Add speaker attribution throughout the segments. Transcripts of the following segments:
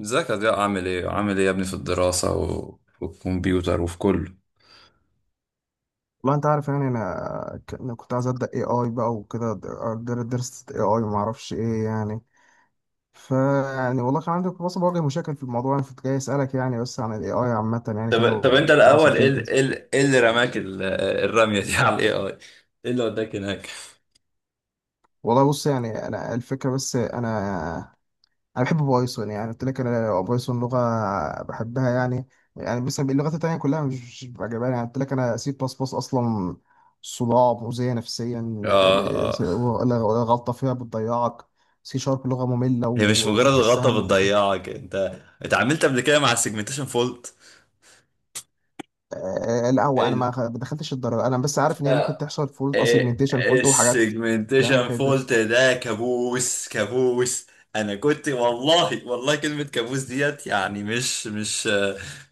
Speaker 1: ازيك يا ضياء، عامل ايه عامل ايه يا ابني، في الدراسة والكمبيوتر وفي كله؟
Speaker 2: والله انت عارف يعني أنا كنت عايز ابدا اي اي بقى وكده. درست اي اي ما اعرفش ايه يعني. ف يعني والله كان عندي كنت بس بواجه مشاكل في الموضوع. انا كنت جاي اسالك يعني بس عن الاي اي عامه يعني كده
Speaker 1: طب انت
Speaker 2: والدراسه
Speaker 1: الاول،
Speaker 2: فيه
Speaker 1: ايه ال-
Speaker 2: وكده.
Speaker 1: ايه ال- ايه اللي رماك ال- الرميه دي على الاي اي؟ ايه اللي وداك هناك؟
Speaker 2: والله بص يعني انا الفكره بس انا، انا بحب بايثون. يعني قلت لك انا بايثون لغه بحبها يعني. يعني مثلا اللغات التانيه كلها مش عجباني. يعني قلت لك انا سي بلس بلس اصلا صداع مؤذيه نفسيا،
Speaker 1: اه.
Speaker 2: ل- س-
Speaker 1: آه.
Speaker 2: ولا- ولا غلطه فيها بتضيعك. سي شارب لغه ممله
Speaker 1: هي مش مجرد
Speaker 2: وبتحسها
Speaker 1: غلطة بتضيعك انت. اتعاملت قبل كده مع السيجمنتيشن فولت؟
Speaker 2: آه، لا هو انا ما دخلتش الدرجه، انا بس عارف ان هي ممكن تحصل فولت اسيجمنتيشن فولت وحاجات يعني
Speaker 1: السيجمنتيشن
Speaker 2: كده.
Speaker 1: فولت ده كابوس كابوس. انا كنت والله والله، كلمة كابوس ديت يعني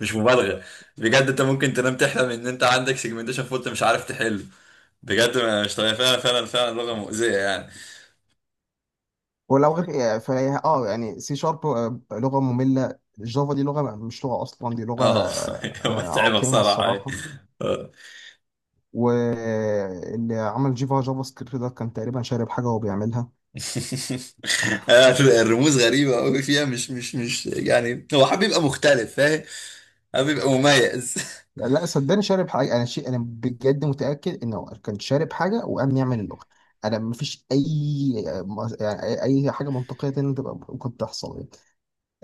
Speaker 1: مش مبالغة. بجد انت ممكن تنام تحلم ان انت عندك سيجمنتيشن فولت مش عارف تحله. بجد، مش طبيعي فعلا فعلا فعلا، لغة مؤذية يعني.
Speaker 2: ولو غير يعني فهي يعني سي شارب لغه ممله. جافا دي لغه مش لغه اصلا، دي لغه
Speaker 1: اه.
Speaker 2: آه،
Speaker 1: متعبة
Speaker 2: عقيمه
Speaker 1: بصراحة.
Speaker 2: الصراحه.
Speaker 1: آه.
Speaker 2: واللي عمل جيفا جافا سكريبت ده كان تقريبا شارب حاجه وهو بيعملها.
Speaker 1: الرموز غريبة أوي فيها، مش يعني هو حابب يبقى مختلف، فاهم؟ حابب يبقى مميز.
Speaker 2: لا صدقني شارب حاجه، انا شيء انا بجد متاكد انه كان شارب حاجه وقام يعمل اللغه. انا مفيش اي يعني اي حاجه منطقيه تانية تبقى ممكن تحصل يعني.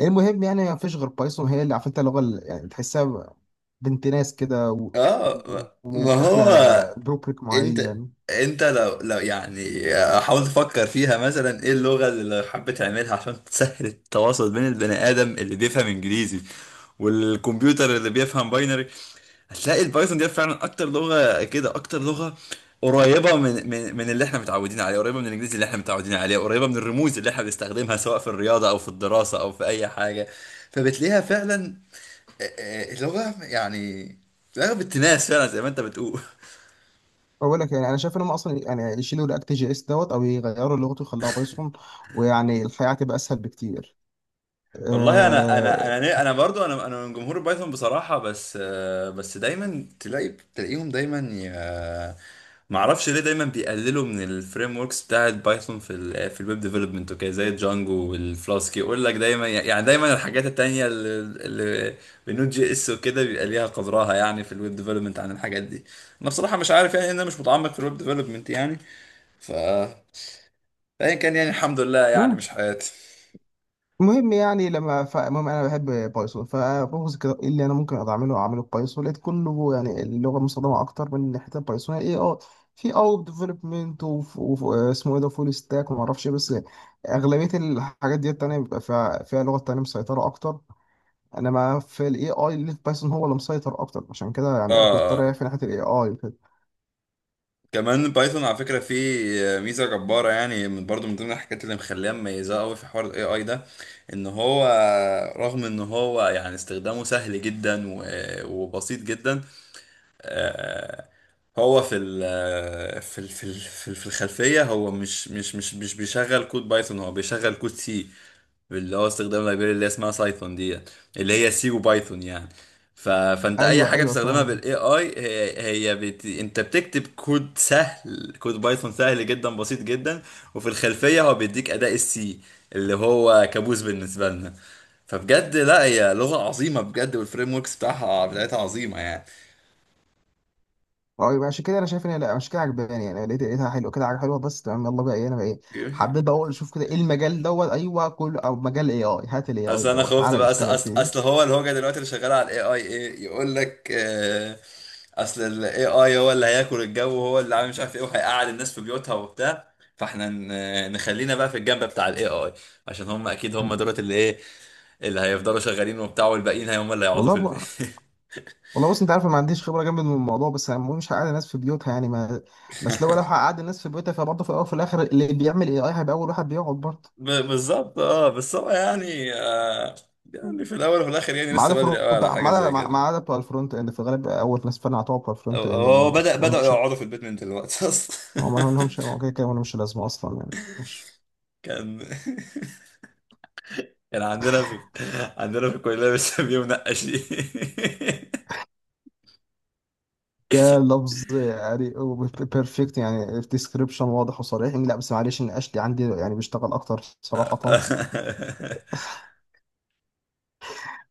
Speaker 2: المهم يعني ما فيش غير بايثون هي اللي عارف انت اللغه اللي يعني تحسها بنت ناس كده
Speaker 1: اه. ما
Speaker 2: وداخله
Speaker 1: هو
Speaker 2: بروبريك
Speaker 1: انت،
Speaker 2: معين.
Speaker 1: لو يعني حاول تفكر فيها مثلا، ايه اللغة اللي حبيت تعملها عشان تسهل التواصل بين البني ادم اللي بيفهم انجليزي والكمبيوتر اللي بيفهم باينري؟ هتلاقي البايثون دي فعلا اكتر لغة كده، اكتر لغة قريبة من اللي احنا متعودين عليه، قريبة من الانجليزي اللي احنا متعودين عليه، قريبة من الرموز اللي احنا بنستخدمها سواء في الرياضة او في الدراسة او في اي حاجة. فبتلاقيها فعلا لغة يعني، لغة بالتناس فعلا زي ما انت بتقول.
Speaker 2: بقول لك يعني انا شايف ان هم اصلا يعني يشيلوا رياكت جي اس دوت او يغيروا لغته ويخلوها بايثون، ويعني الحياه هتبقى اسهل بكتير.
Speaker 1: والله
Speaker 2: آه
Speaker 1: انا برضو انا من جمهور البايثون بصراحة، بس بس دايما تلاقي تلاقيهم دايما ما اعرفش ليه دايما بيقللوا من الفريم وركس بتاعه بايثون في في الويب ديفلوبمنت وكده، زي الجانجو والفلاسك. يقول لك دايما يعني، دايما الحاجات التانية اللي بالنوت جي اس وكده بيبقى ليها قدرها يعني في الويب ديفلوبمنت عن الحاجات دي. انا بصراحة مش عارف يعني، إن انا مش متعمق في الويب ديفلوبمنت يعني. ف فأيا كان يعني، الحمد لله يعني مش
Speaker 2: ماشي.
Speaker 1: حياتي.
Speaker 2: المهم يعني فالمهم انا بحب بايثون. فببص كده ايه اللي انا ممكن أقدر اعمله بايثون. لقيت كله يعني اللغه المستخدمه اكتر من حته بايثون اي اه في او ديفلوبمنت واسمه ايه ده فول ستاك وما اعرفش إيه، بس اغلبيه الحاجات دي التانيه بيبقى فيها لغه تانيه مسيطره اكتر. انما في الاي اي اللي في بايثون هو اللي مسيطر اكتر، عشان كده
Speaker 1: اه.
Speaker 2: يعني كنت رايح
Speaker 1: آه.
Speaker 2: في ناحيه الاي اي وكده.
Speaker 1: كمان بايثون على فكرة فيه ميزة جبارة يعني، من برضو من ضمن الحاجات اللي مخليها مميزة قوي في حوار الاي اي ده، ان هو رغم ان هو يعني استخدامه سهل جدا وبسيط جدا. آه، هو في ال آه، في ال في ال في ال- في الخلفية هو مش بيشغل كود بايثون، هو بيشغل كود سي، اللي هو استخدام لايبراري اللي اسمها سايثون دي، اللي هي سي وبايثون يعني. فانت اي
Speaker 2: ايوه،
Speaker 1: حاجه
Speaker 2: ايوه،
Speaker 1: بتستخدمها
Speaker 2: فاهم.
Speaker 1: بالاي اي انت بتكتب كود سهل، كود بايثون سهل جدا بسيط جدا. وفي الخلفيه هو بيديك اداء السي، اللي هو كابوس بالنسبه لنا. فبجد لا، هي لغه عظيمه بجد، والفريم وركس بتاعتها عظيمه يعني.
Speaker 2: اه يبقى عشان كده انا شايف ان لا عشان كده عجباني. يعني لقيتها حلوه كده حاجه حلوه بس تمام. يلا بقى ايه انا بقى ايه حبيت بقى اقول اشوف كده ايه المجال دوت ايوه كله او مجال اي اي، هات الاي اي
Speaker 1: اصل انا
Speaker 2: دوت
Speaker 1: خفت
Speaker 2: تعالى
Speaker 1: بقى،
Speaker 2: نشتغل فيه.
Speaker 1: أصل هو الهوجه دلوقتي اللي شغاله على الاي اي ايه، يقول لك اصل الاي اي هو اللي هياكل الجو، وهو اللي عامل مش عارف ايه، وهيقعد الناس في بيوتها وبتاع. فاحنا نخلينا بقى في الجنب بتاع الاي اي، عشان هم اكيد دولت اللي ايه، اللي هيفضلوا شغالين وبتاع، والباقيين هم اللي هيقعدوا
Speaker 2: والله
Speaker 1: في البيت.
Speaker 2: ب... والله بص انت عارف أنا ما عنديش خبره جامد من الموضوع، بس انا مش هقعد الناس في بيوتها يعني ما... بس لو هقعد الناس في بيوتها فبرضه في الاول وفي الاخر اللي بيعمل اي اي هيبقى اول واحد بيقعد برضه.
Speaker 1: بالظبط اه، بس هو يعني، آه، يعني في الاول وفي الاخر يعني
Speaker 2: ما
Speaker 1: لسه
Speaker 2: عدا
Speaker 1: بدري
Speaker 2: فرونت
Speaker 1: قوي على
Speaker 2: ما
Speaker 1: حاجه
Speaker 2: عدا
Speaker 1: زي
Speaker 2: ما ما
Speaker 1: كده.
Speaker 2: عدا بتوع الفرونت اند في الغالب اول ناس فعلا هتقعد بتوع
Speaker 1: هو
Speaker 2: الفرونت اند هم
Speaker 1: هو
Speaker 2: ولا
Speaker 1: بدأ
Speaker 2: ولا
Speaker 1: بدأوا
Speaker 2: مش.
Speaker 1: يقعدوا في البيت من دلوقتي اصلا.
Speaker 2: هم ما لهمش، هو كده كده ولا مش لازمه اصلا يعني مش.
Speaker 1: كان كان عندنا في عندنا في الكلية بنسميه منقشين.
Speaker 2: ده لفظ يعني بيرفكت يعني ديسكريبشن واضح وصريح يعني. لا بس معلش ان اشلي عندي يعني بيشتغل اكتر صراحه.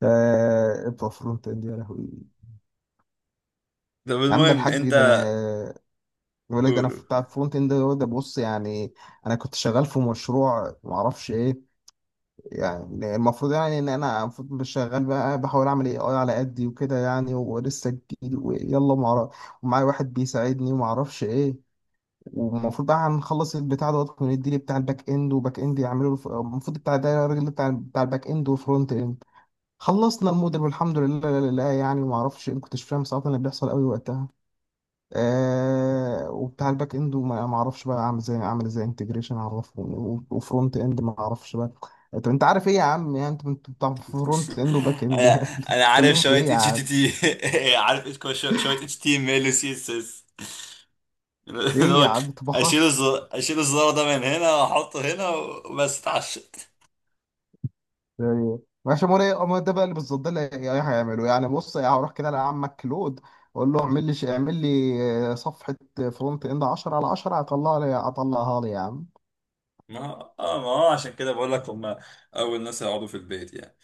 Speaker 2: آه بتوع فرونت اند يا لهوي.
Speaker 1: طب
Speaker 2: يا عم
Speaker 1: المهم
Speaker 2: الحاج
Speaker 1: انت،
Speaker 2: ده انا، بيقول لك ده
Speaker 1: قول
Speaker 2: انا في
Speaker 1: قول.
Speaker 2: بتاع فرونت اند ده بص يعني. انا كنت شغال في مشروع ما اعرفش ايه. يعني المفروض يعني ان انا المفروض شغال بقى بحاول اعمل اي اي على قدي وكده يعني ولسه جديد ويلا ما أعرف-. ومعايا واحد بيساعدني وما اعرفش ايه. والمفروض بقى هنخلص البتاع دوت وندي لي بتاع الباك اند وباك اند يعملوا الف- المفروض بتاع ده الراجل بتاع الباك اند وفرونت اند. خلصنا الموديل والحمد لله لله، يعني ما اعرفش ان كنتش فاهم صراحه اللي بيحصل قوي وقتها. آه وبتاع الباك اند وما ما اعرفش بقى اعمل ازاي اعمل ازاي انتجريشن اعرفه و- وفرونت اند ما اعرفش بقى. طب انت عارف ايه يا عم يعني انت بتاع فرونت اند وباك اند
Speaker 1: انا
Speaker 2: يعني
Speaker 1: انا عارف
Speaker 2: بتتكلموا في
Speaker 1: شوية
Speaker 2: ايه يا
Speaker 1: اتش تي
Speaker 2: عم؟
Speaker 1: تي. عارف شوية اتش تي ام ال وسي اس اس. اللي
Speaker 2: ايه يا
Speaker 1: هو
Speaker 2: عم طبخه
Speaker 1: اشيل الزرار ده من هنا واحطه هنا وبس، اتعشت.
Speaker 2: يعني. ماشي موري ما ده بقى اللي بالظبط ده اللي هي- هيعمله يعني. بص يعني هروح كده لعمك كلود اقول له اعمل لي ش- اعمل لي آه، صفحه فرونت اند 10 على 10 هطلع لي هطلعها لي يا عم.
Speaker 1: ما اه، ما هو عشان كده بقول لك هم اول ناس يقعدوا في البيت يعني.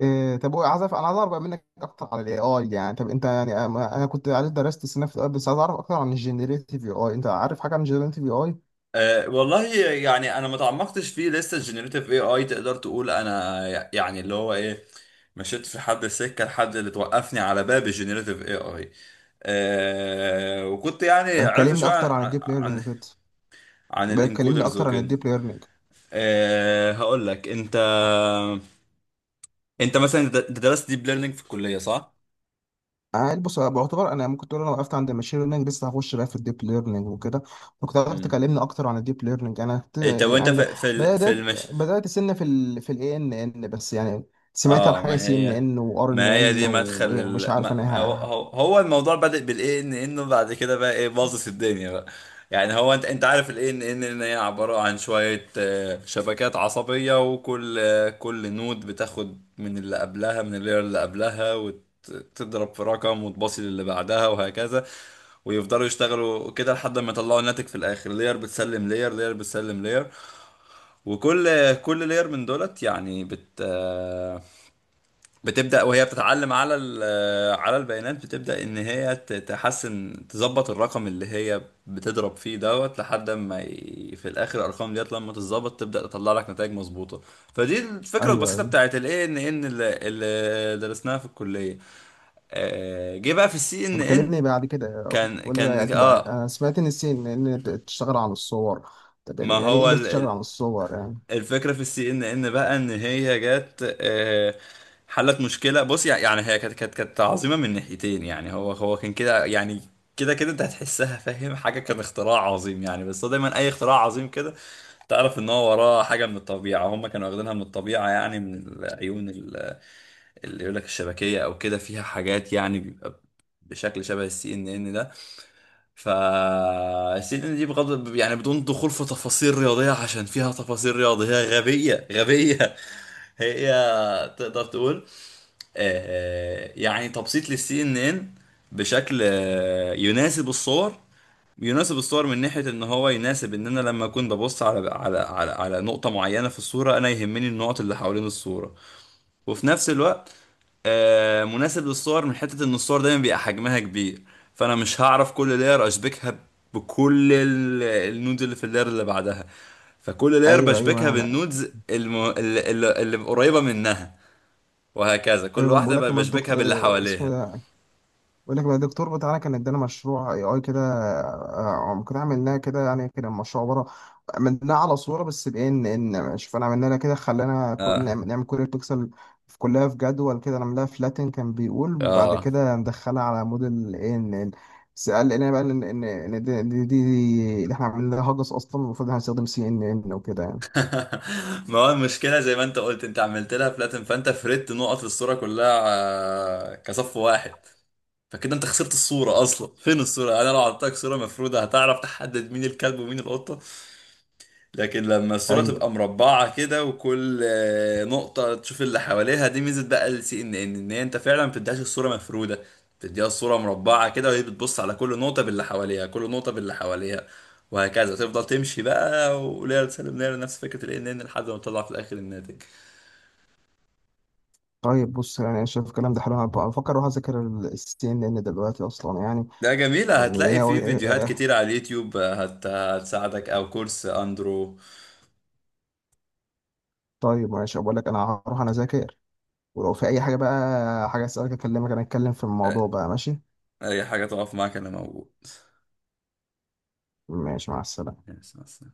Speaker 2: إيه طب هو عايز أعرف- انا عايز اعرف بقى منك اكتر على الاي اي يعني. طب انت يعني انا كنت عارف درست السنه في ال إيه آي، بس عايز اعرف اكتر عن الجنريتيف اي اي. انت عارف حاجه عن الجنريتيف اي اي؟
Speaker 1: أه والله يعني، انا ما تعمقتش فيه لسه. الجنريتيف اي اي تقدر تقول انا يعني اللي هو ايه، مشيت في حد السكه لحد اللي توقفني على باب الجنريتيف اي اي. أه وكنت يعني
Speaker 2: طب
Speaker 1: عرفت
Speaker 2: كلمني
Speaker 1: شويه
Speaker 2: اكتر عن الديب ليرنينج كده.
Speaker 1: عن
Speaker 2: يبقى كلمني
Speaker 1: الانكودرز
Speaker 2: اكتر عن
Speaker 1: وكده.
Speaker 2: الديب ليرنينج.
Speaker 1: أه هقول لك انت، انت مثلا درست ديب ليرنينج في الكليه صح؟
Speaker 2: عادي بص أنا بعتبر انا ممكن تقول انا وقفت عند الماشين ليرنينج لسه هخش بقى في الديب ليرنينج وكده. ممكن حضرتك
Speaker 1: امم.
Speaker 2: تكلمني اكتر عن الديب ليرنينج؟ انا كنت
Speaker 1: طب وانت
Speaker 2: عند
Speaker 1: في في
Speaker 2: بدات
Speaker 1: المش...
Speaker 2: بدات سنه في الاي ان ان بس يعني سمعت عن
Speaker 1: اه،
Speaker 2: حاجه
Speaker 1: ما
Speaker 2: سي ان
Speaker 1: هي،
Speaker 2: ان وار ان
Speaker 1: ما هي
Speaker 2: ان
Speaker 1: دي مدخل
Speaker 2: ومش
Speaker 1: ال...
Speaker 2: عارف
Speaker 1: ما...
Speaker 2: انا
Speaker 1: ما هو...
Speaker 2: ها.
Speaker 1: هو الموضوع بدأ بالاي ان انه بعد كده بقى ايه، باظت الدنيا بقى. يعني هو انت، انت عارف الاي ان ان هي عبارة عن شوية شبكات عصبية، وكل كل نود بتاخد من اللي قبلها، من اللير اللي قبلها، وتضرب في رقم وتباصي للي بعدها وهكذا. ويفضلوا يشتغلوا كده لحد ما يطلعوا الناتج في الاخر، لير بتسلم لير لير بتسلم لير. كل لير من دولت يعني بت آه، بتبدأ وهي بتتعلم على على البيانات، بتبدأ إن هي تحسن تظبط الرقم اللي هي بتضرب فيه دوت لحد ما في الآخر، الأرقام ديت لما تتظبط تبدأ تطلع لك نتائج مظبوطة. فدي الفكرة
Speaker 2: ايوه،
Speaker 1: البسيطة
Speaker 2: ايوه.
Speaker 1: بتاعت ال ANN اللي درسناها في الكلية. جه بقى في السي ان
Speaker 2: طب
Speaker 1: ان.
Speaker 2: كلمني بعد كده.
Speaker 1: كان
Speaker 2: ولا يعني
Speaker 1: كان
Speaker 2: تبقى
Speaker 1: اه
Speaker 2: انا سمعت ان السي ان ان بتشتغل عن الصور. طب
Speaker 1: ما
Speaker 2: يعني يعني
Speaker 1: هو
Speaker 2: ايه بس تشتغل عن الصور يعني؟
Speaker 1: الفكرة في السي ان ان بقى ان هي جت، حلت مشكلة. بص، يعني هي كانت عظيمة من ناحيتين يعني. هو كان كده يعني، كده كده انت هتحسها، فاهم حاجة، كان اختراع عظيم يعني. بس هو دايما اي اختراع عظيم كده تعرف ان هو وراه حاجة من الطبيعة، هم كانوا واخدينها من الطبيعة يعني، من العيون اللي يقول لك الشبكية، او كده فيها حاجات يعني بيبقى بشكل شبه السي ان ان ده. فالسيدنا دي بغض يعني، بدون دخول في تفاصيل رياضية عشان فيها تفاصيل رياضية غبية غبية. هي تقدر تقول يعني تبسيط للسي ان ان بشكل يناسب الصور. يناسب الصور من ناحية ان هو يناسب ان انا لما اكون ببص على نقطة معينة في الصورة، انا يهمني النقط اللي حوالين الصورة. وفي نفس الوقت مناسب للصور من حتة ان الصور دايما بيبقى حجمها كبير. فانا مش هعرف كل لاير اشبكها بكل النودز اللي في اللاير اللي بعدها. فكل لاير
Speaker 2: ايوه،
Speaker 1: بشبكها
Speaker 2: ايوه، انا،
Speaker 1: بالنودز الم... اللي, اللي اللي قريبة منها، وهكذا كل
Speaker 2: ايوه
Speaker 1: واحدة
Speaker 2: بقول لك ما
Speaker 1: بشبكها
Speaker 2: الدكتور
Speaker 1: باللي
Speaker 2: اسمه
Speaker 1: حواليها.
Speaker 2: ده. بقول لك بقى الدكتور بتاعنا كان ادانا مشروع اي اي كده، آه، كنا عملناه كده يعني كده مشروع عباره عملناه على صوره بس بان ان شوف انا عملنا لها كده خلانا كل
Speaker 1: اه
Speaker 2: نعمل كل بيكسل في كلها في جدول كده نعملها فلاتن. كان بيقول بعد
Speaker 1: اه.
Speaker 2: كده ندخلها على موديل ان ان، بس قال لنا بقى ان ان إن دي اللي احنا عملناها هجس، اصلا المفروض هنستخدم سي ان ان وكده يعني.
Speaker 1: ما هو المشكلة زي ما انت قلت، انت عملت لها فلاتن، فانت فردت نقط الصورة كلها كصف واحد. فكده انت خسرت الصورة اصلا، فين الصورة؟ انا لو عطيتك صورة مفرودة هتعرف تحدد مين الكلب ومين القطة؟ لكن لما الصورة
Speaker 2: ايوه.
Speaker 1: تبقى مربعة كده وكل نقطة تشوف اللي حواليها، دي ميزة بقى السي ان ان، ان هي انت فعلا ما بتديهاش الصورة مفرودة. بتديها الصورة مربعة كده، وهي بتبص على كل نقطة باللي حواليها، كل نقطة باللي حواليها. وهكذا تفضل تمشي بقى، وليلة تسلم ليلة نفس فكرة ال ان ان، لحد ما تطلع في الاخر الناتج.
Speaker 2: طيب بص يعني انا شايف الكلام ده حلو، انا بفكر اروح اذاكر السي ان ان دلوقتي اصلا يعني.
Speaker 1: ده جميلة، هتلاقي
Speaker 2: يعني
Speaker 1: فيه فيديوهات كتير على اليوتيوب هتساعدك، او كورس اندرو.
Speaker 2: طيب ماشي بقول لك انا هروح انا اذاكر، ولو في اي حاجه بقى حاجه اسالك اكلمك انا اتكلم في
Speaker 1: آه،
Speaker 2: الموضوع بقى ماشي.
Speaker 1: اي حاجة تقف معاك انا موجود.
Speaker 2: ماشي، مع السلامه.
Speaker 1: يس، بس.